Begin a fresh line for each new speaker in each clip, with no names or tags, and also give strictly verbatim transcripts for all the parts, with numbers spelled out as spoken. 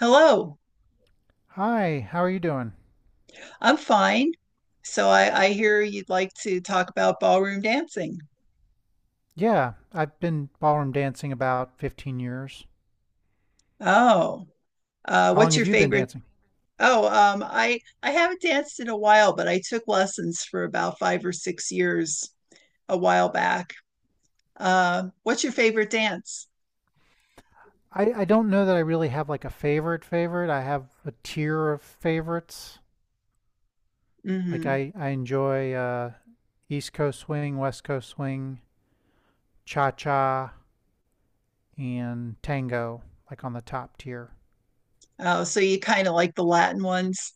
Hello,
Hi, how are you doing?
I'm fine. So I, I hear you'd like to talk about ballroom dancing.
Yeah, I've been ballroom dancing about fifteen years.
Oh, uh,
How long
what's
have
your
you been
favorite?
dancing?
Oh, um, I I haven't danced in a while, but I took lessons for about five or six years a while back. Uh, what's your favorite dance?
I, I don't know that I really have like a favorite favorite. I have a tier of favorites. Like
hmm
I, I enjoy uh, East Coast swing, West Coast swing, cha-cha, and tango, like on the top tier.
Oh, so you kind of like the Latin ones?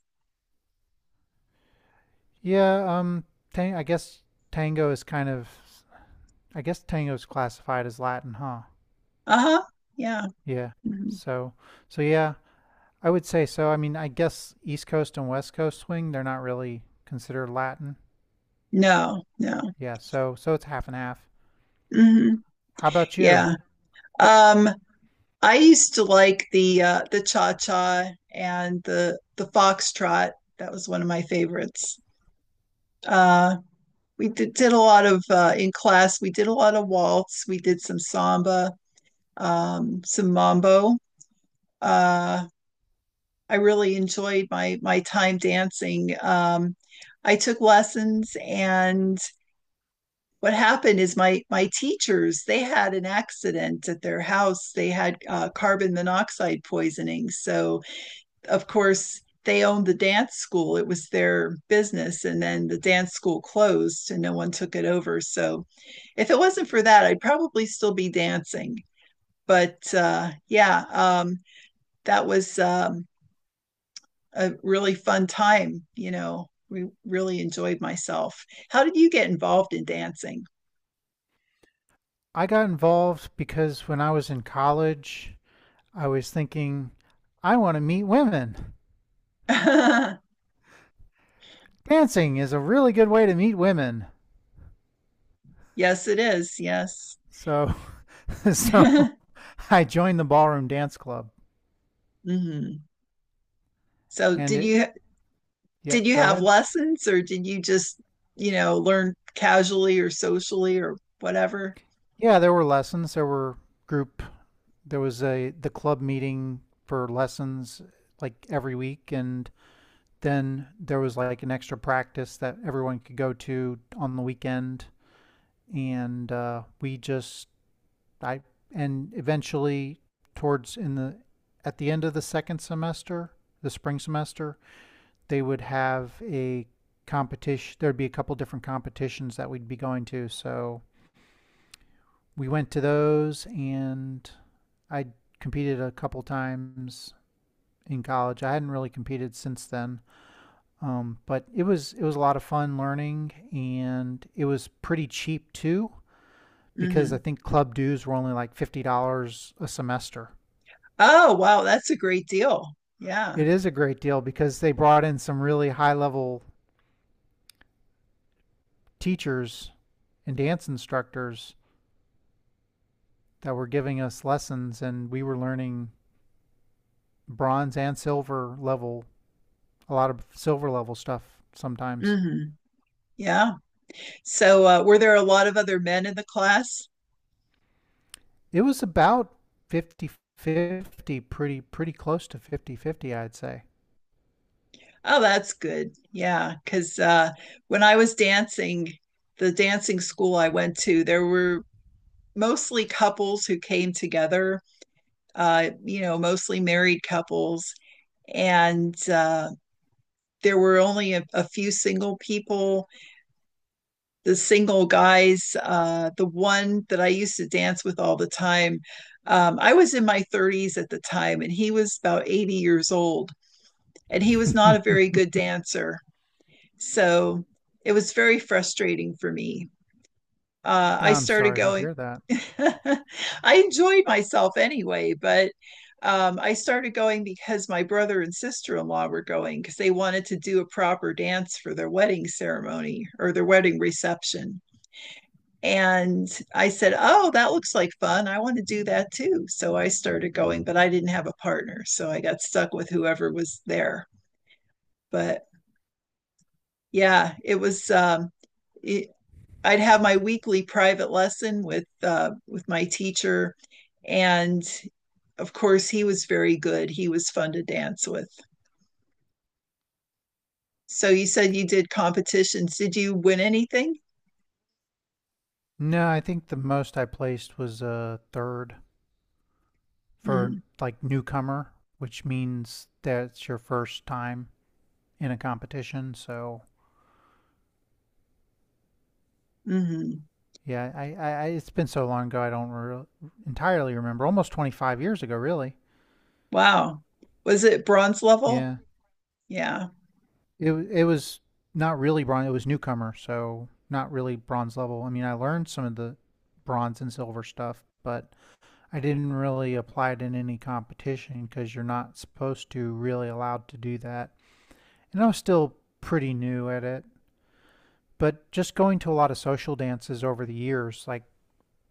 Yeah, um, tang I guess tango is kind of, I guess tango is classified as Latin, huh?
Uh-huh. Yeah.
Yeah.
Mhm.
So, so yeah, I would say so. I mean, I guess East Coast and West Coast swing, they're not really considered Latin.
No, no.
Yeah, so so it's half and half.
hmm
How about you?
Yeah. Um, I used to like the uh, the cha-cha and the the foxtrot. That was one of my favorites. Uh, we did, did a lot of uh, in class. We did a lot of waltz. We did some samba, um, some mambo. Uh, I really enjoyed my my time dancing. Um, I took lessons, and what happened is my my teachers they had an accident at their house. They had uh, carbon monoxide poisoning, so of course, they owned the dance school. It was their business. And then the dance school closed and no one took it over. So if it wasn't for that, I'd probably still be dancing. But uh, yeah, um, that was um, a really fun time. You know, we really enjoyed myself. How did you get involved in dancing?
I got involved because when I was in college, I was thinking I want to meet women.
yes,
Dancing is a really good way to meet women.
it is. Yes.
So so I joined the ballroom dance club
hmm So,
and
did
it
you
yeah,
did you
go
have
ahead.
lessons or did you just, you know, learn casually or socially or whatever?
Yeah, there were lessons, there were group there was a the club meeting for lessons like every week, and then there was like an extra practice that everyone could go to on the weekend and uh, we just I and eventually towards in the at the end of the second semester, the spring semester, they would have a competition there'd be a couple different competitions that we'd be going to, so we went to those and I competed a couple times in college. I hadn't really competed since then, um, but it was it was a lot of fun learning, and it was pretty cheap too because I
hmm
think club dues were only like fifty dollars a semester.
Oh, wow, that's a great deal. Yeah.
It is a great deal because they brought in some really high level teachers and dance instructors that were giving us lessons, and we were learning bronze and silver level, a lot of silver level stuff sometimes.
hmm Yeah. So, uh, were there a lot of other men in the class?
It was about fifty-fifty, pretty, pretty close to fifty fifty, I'd say.
Oh, that's good. Yeah, because uh, when I was dancing, the dancing school I went to, there were mostly couples who came together, uh, you know, mostly married couples. And uh, there were only a, a few single people the single guys, uh, the one that I used to dance with all the time. Um, I was in my thirties at the time, and he was about eighty years old, and he was not a very good dancer. So it was very frustrating for me. Uh, I
I'm
started
sorry to
going,
hear that.
I enjoyed myself anyway, but um, I started going because my brother and sister in law were going because they wanted to do a proper dance for their wedding ceremony or their wedding reception. And I said, oh, that looks like fun. I want to do that too. So I started going, but I didn't have a partner. So I got stuck with whoever was there. But yeah, it was, um, it, I'd have my weekly private lesson with, uh, with my teacher. And of course, he was very good. He was fun to dance with. So you said you did competitions. Did you win anything?
No, I think the most I placed was a third for
Mm-hmm.
like newcomer, which means that's your first time in a competition. So
Mm-hmm.
yeah, I, I I- it's been so long ago I don't re- entirely remember. Almost twenty-five years ago, really.
Wow. Was it bronze level?
Yeah.
Yeah.
It wa- it was not really bronze. It was newcomer, so not really bronze level. I mean, I learned some of the bronze and silver stuff, but I didn't really apply it in any competition because you're not supposed to really allowed to do that. And I was still pretty new at it, but just going to a lot of social dances over the years, like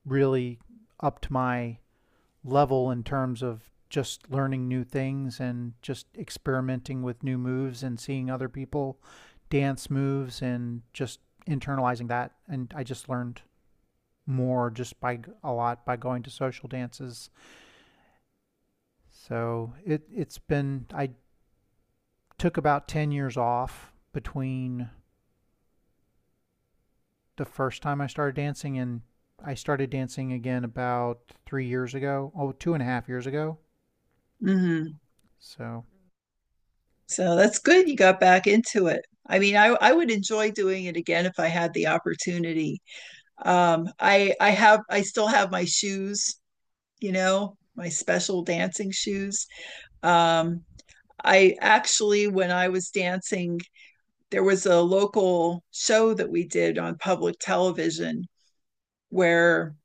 really upped my level in terms of just learning new things and just experimenting with new moves and seeing other people dance moves and just internalizing that. And I just learned more just by a lot by going to social dances. So it it's been I took about ten years off between the first time I started dancing and I started dancing again about three years ago. Oh, two and a half years ago.
hmm
So
So that's good you got back into it. I mean, I, I would enjoy doing it again if I had the opportunity. Um, I I have I still have my shoes, you know, my special dancing shoes. Um, I actually, when I was dancing, there was a local show that we did on public television where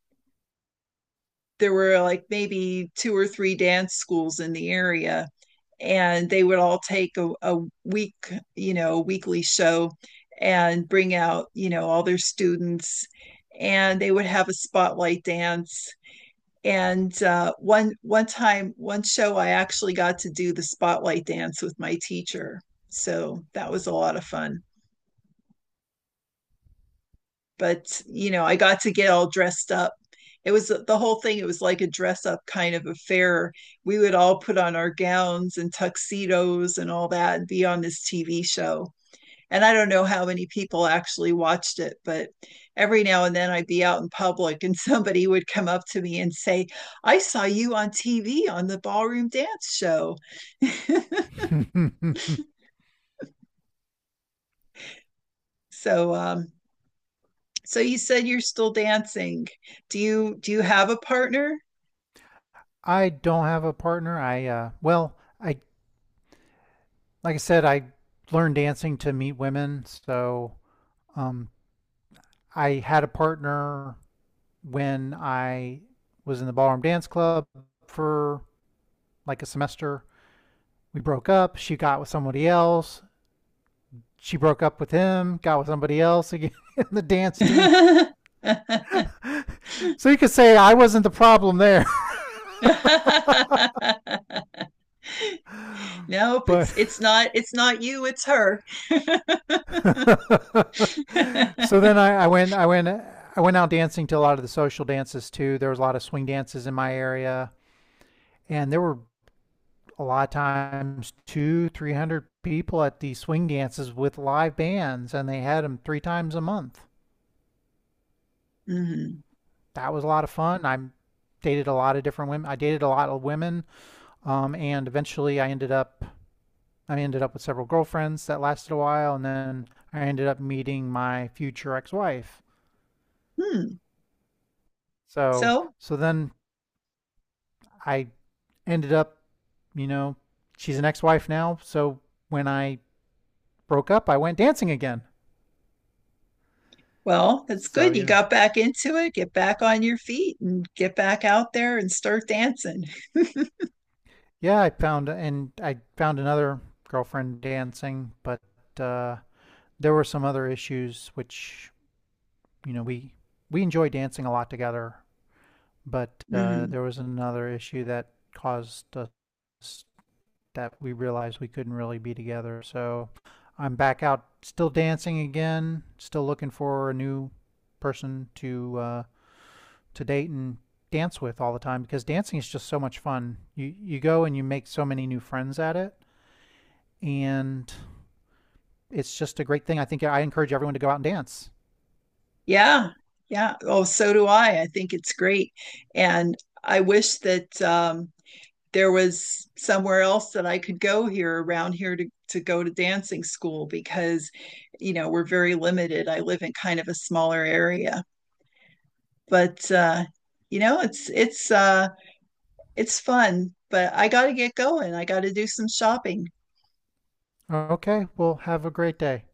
there were like maybe two or three dance schools in the area. And they would all take a, a week, you know, a weekly show and bring out, you know, all their students and they would have a spotlight dance. And uh, one one time, one show, I actually got to do the spotlight dance with my teacher. So that was a lot of fun. But you know, I got to get all dressed up. It was the whole thing. It was like a dress up kind of affair. We would all put on our gowns and tuxedos and all that and be on this T V show. And I don't know how many people actually watched it, but every now and then I'd be out in public and somebody would come up to me and say, I saw you on T V on the ballroom dance show. So, um, so you said you're still dancing. Do you do you have a partner?
I don't have a partner. I uh well, I like I said, I learned dancing to meet women, so um I had a partner when I was in the ballroom dance club for like a semester. We broke up, she got with somebody else. She broke up with him, got with somebody else again in the dance team. So you could say I wasn't the problem there.
Nope,
But
it's it's not it's not you, it's her.
so then, I, I went I went I went out dancing to a lot of the social dances too. There was a lot of swing dances in my area, and there were a lot of times two, three hundred people at these swing dances with live bands, and they had them three times a month.
Mhm.
That was a lot of fun. I dated a lot of different women. I dated a lot of women, um, and eventually I ended up I ended up with several girlfriends that lasted a while, and then I ended up meeting my future ex-wife.
Hmm.
So
So,
so then I ended up, you know, she's an ex wife now. So when I broke up, I went dancing again.
well, that's
So
good. You
yeah.
got back into it. Get back on your feet and get back out there and start dancing.
Yeah, I found, and I found another girlfriend dancing, but uh, there were some other issues which, you know, we, we enjoy dancing a lot together, but uh,
Mhm.
there was another issue that caused us that we realized we couldn't really be together. So I'm back out, still dancing again, still looking for a new person to uh, to date and dance with all the time because dancing is just so much fun. You you go and you make so many new friends at it, and it's just a great thing. I think I encourage everyone to go out and dance.
Yeah. Yeah. Oh, so do I. I think it's great. And I wish that um there was somewhere else that I could go here around here to to go to dancing school because you know, we're very limited. I live in kind of a smaller area but uh, you know, it's it's uh, it's fun. But I got to get going. I got to do some shopping.
Okay, well, have a great day.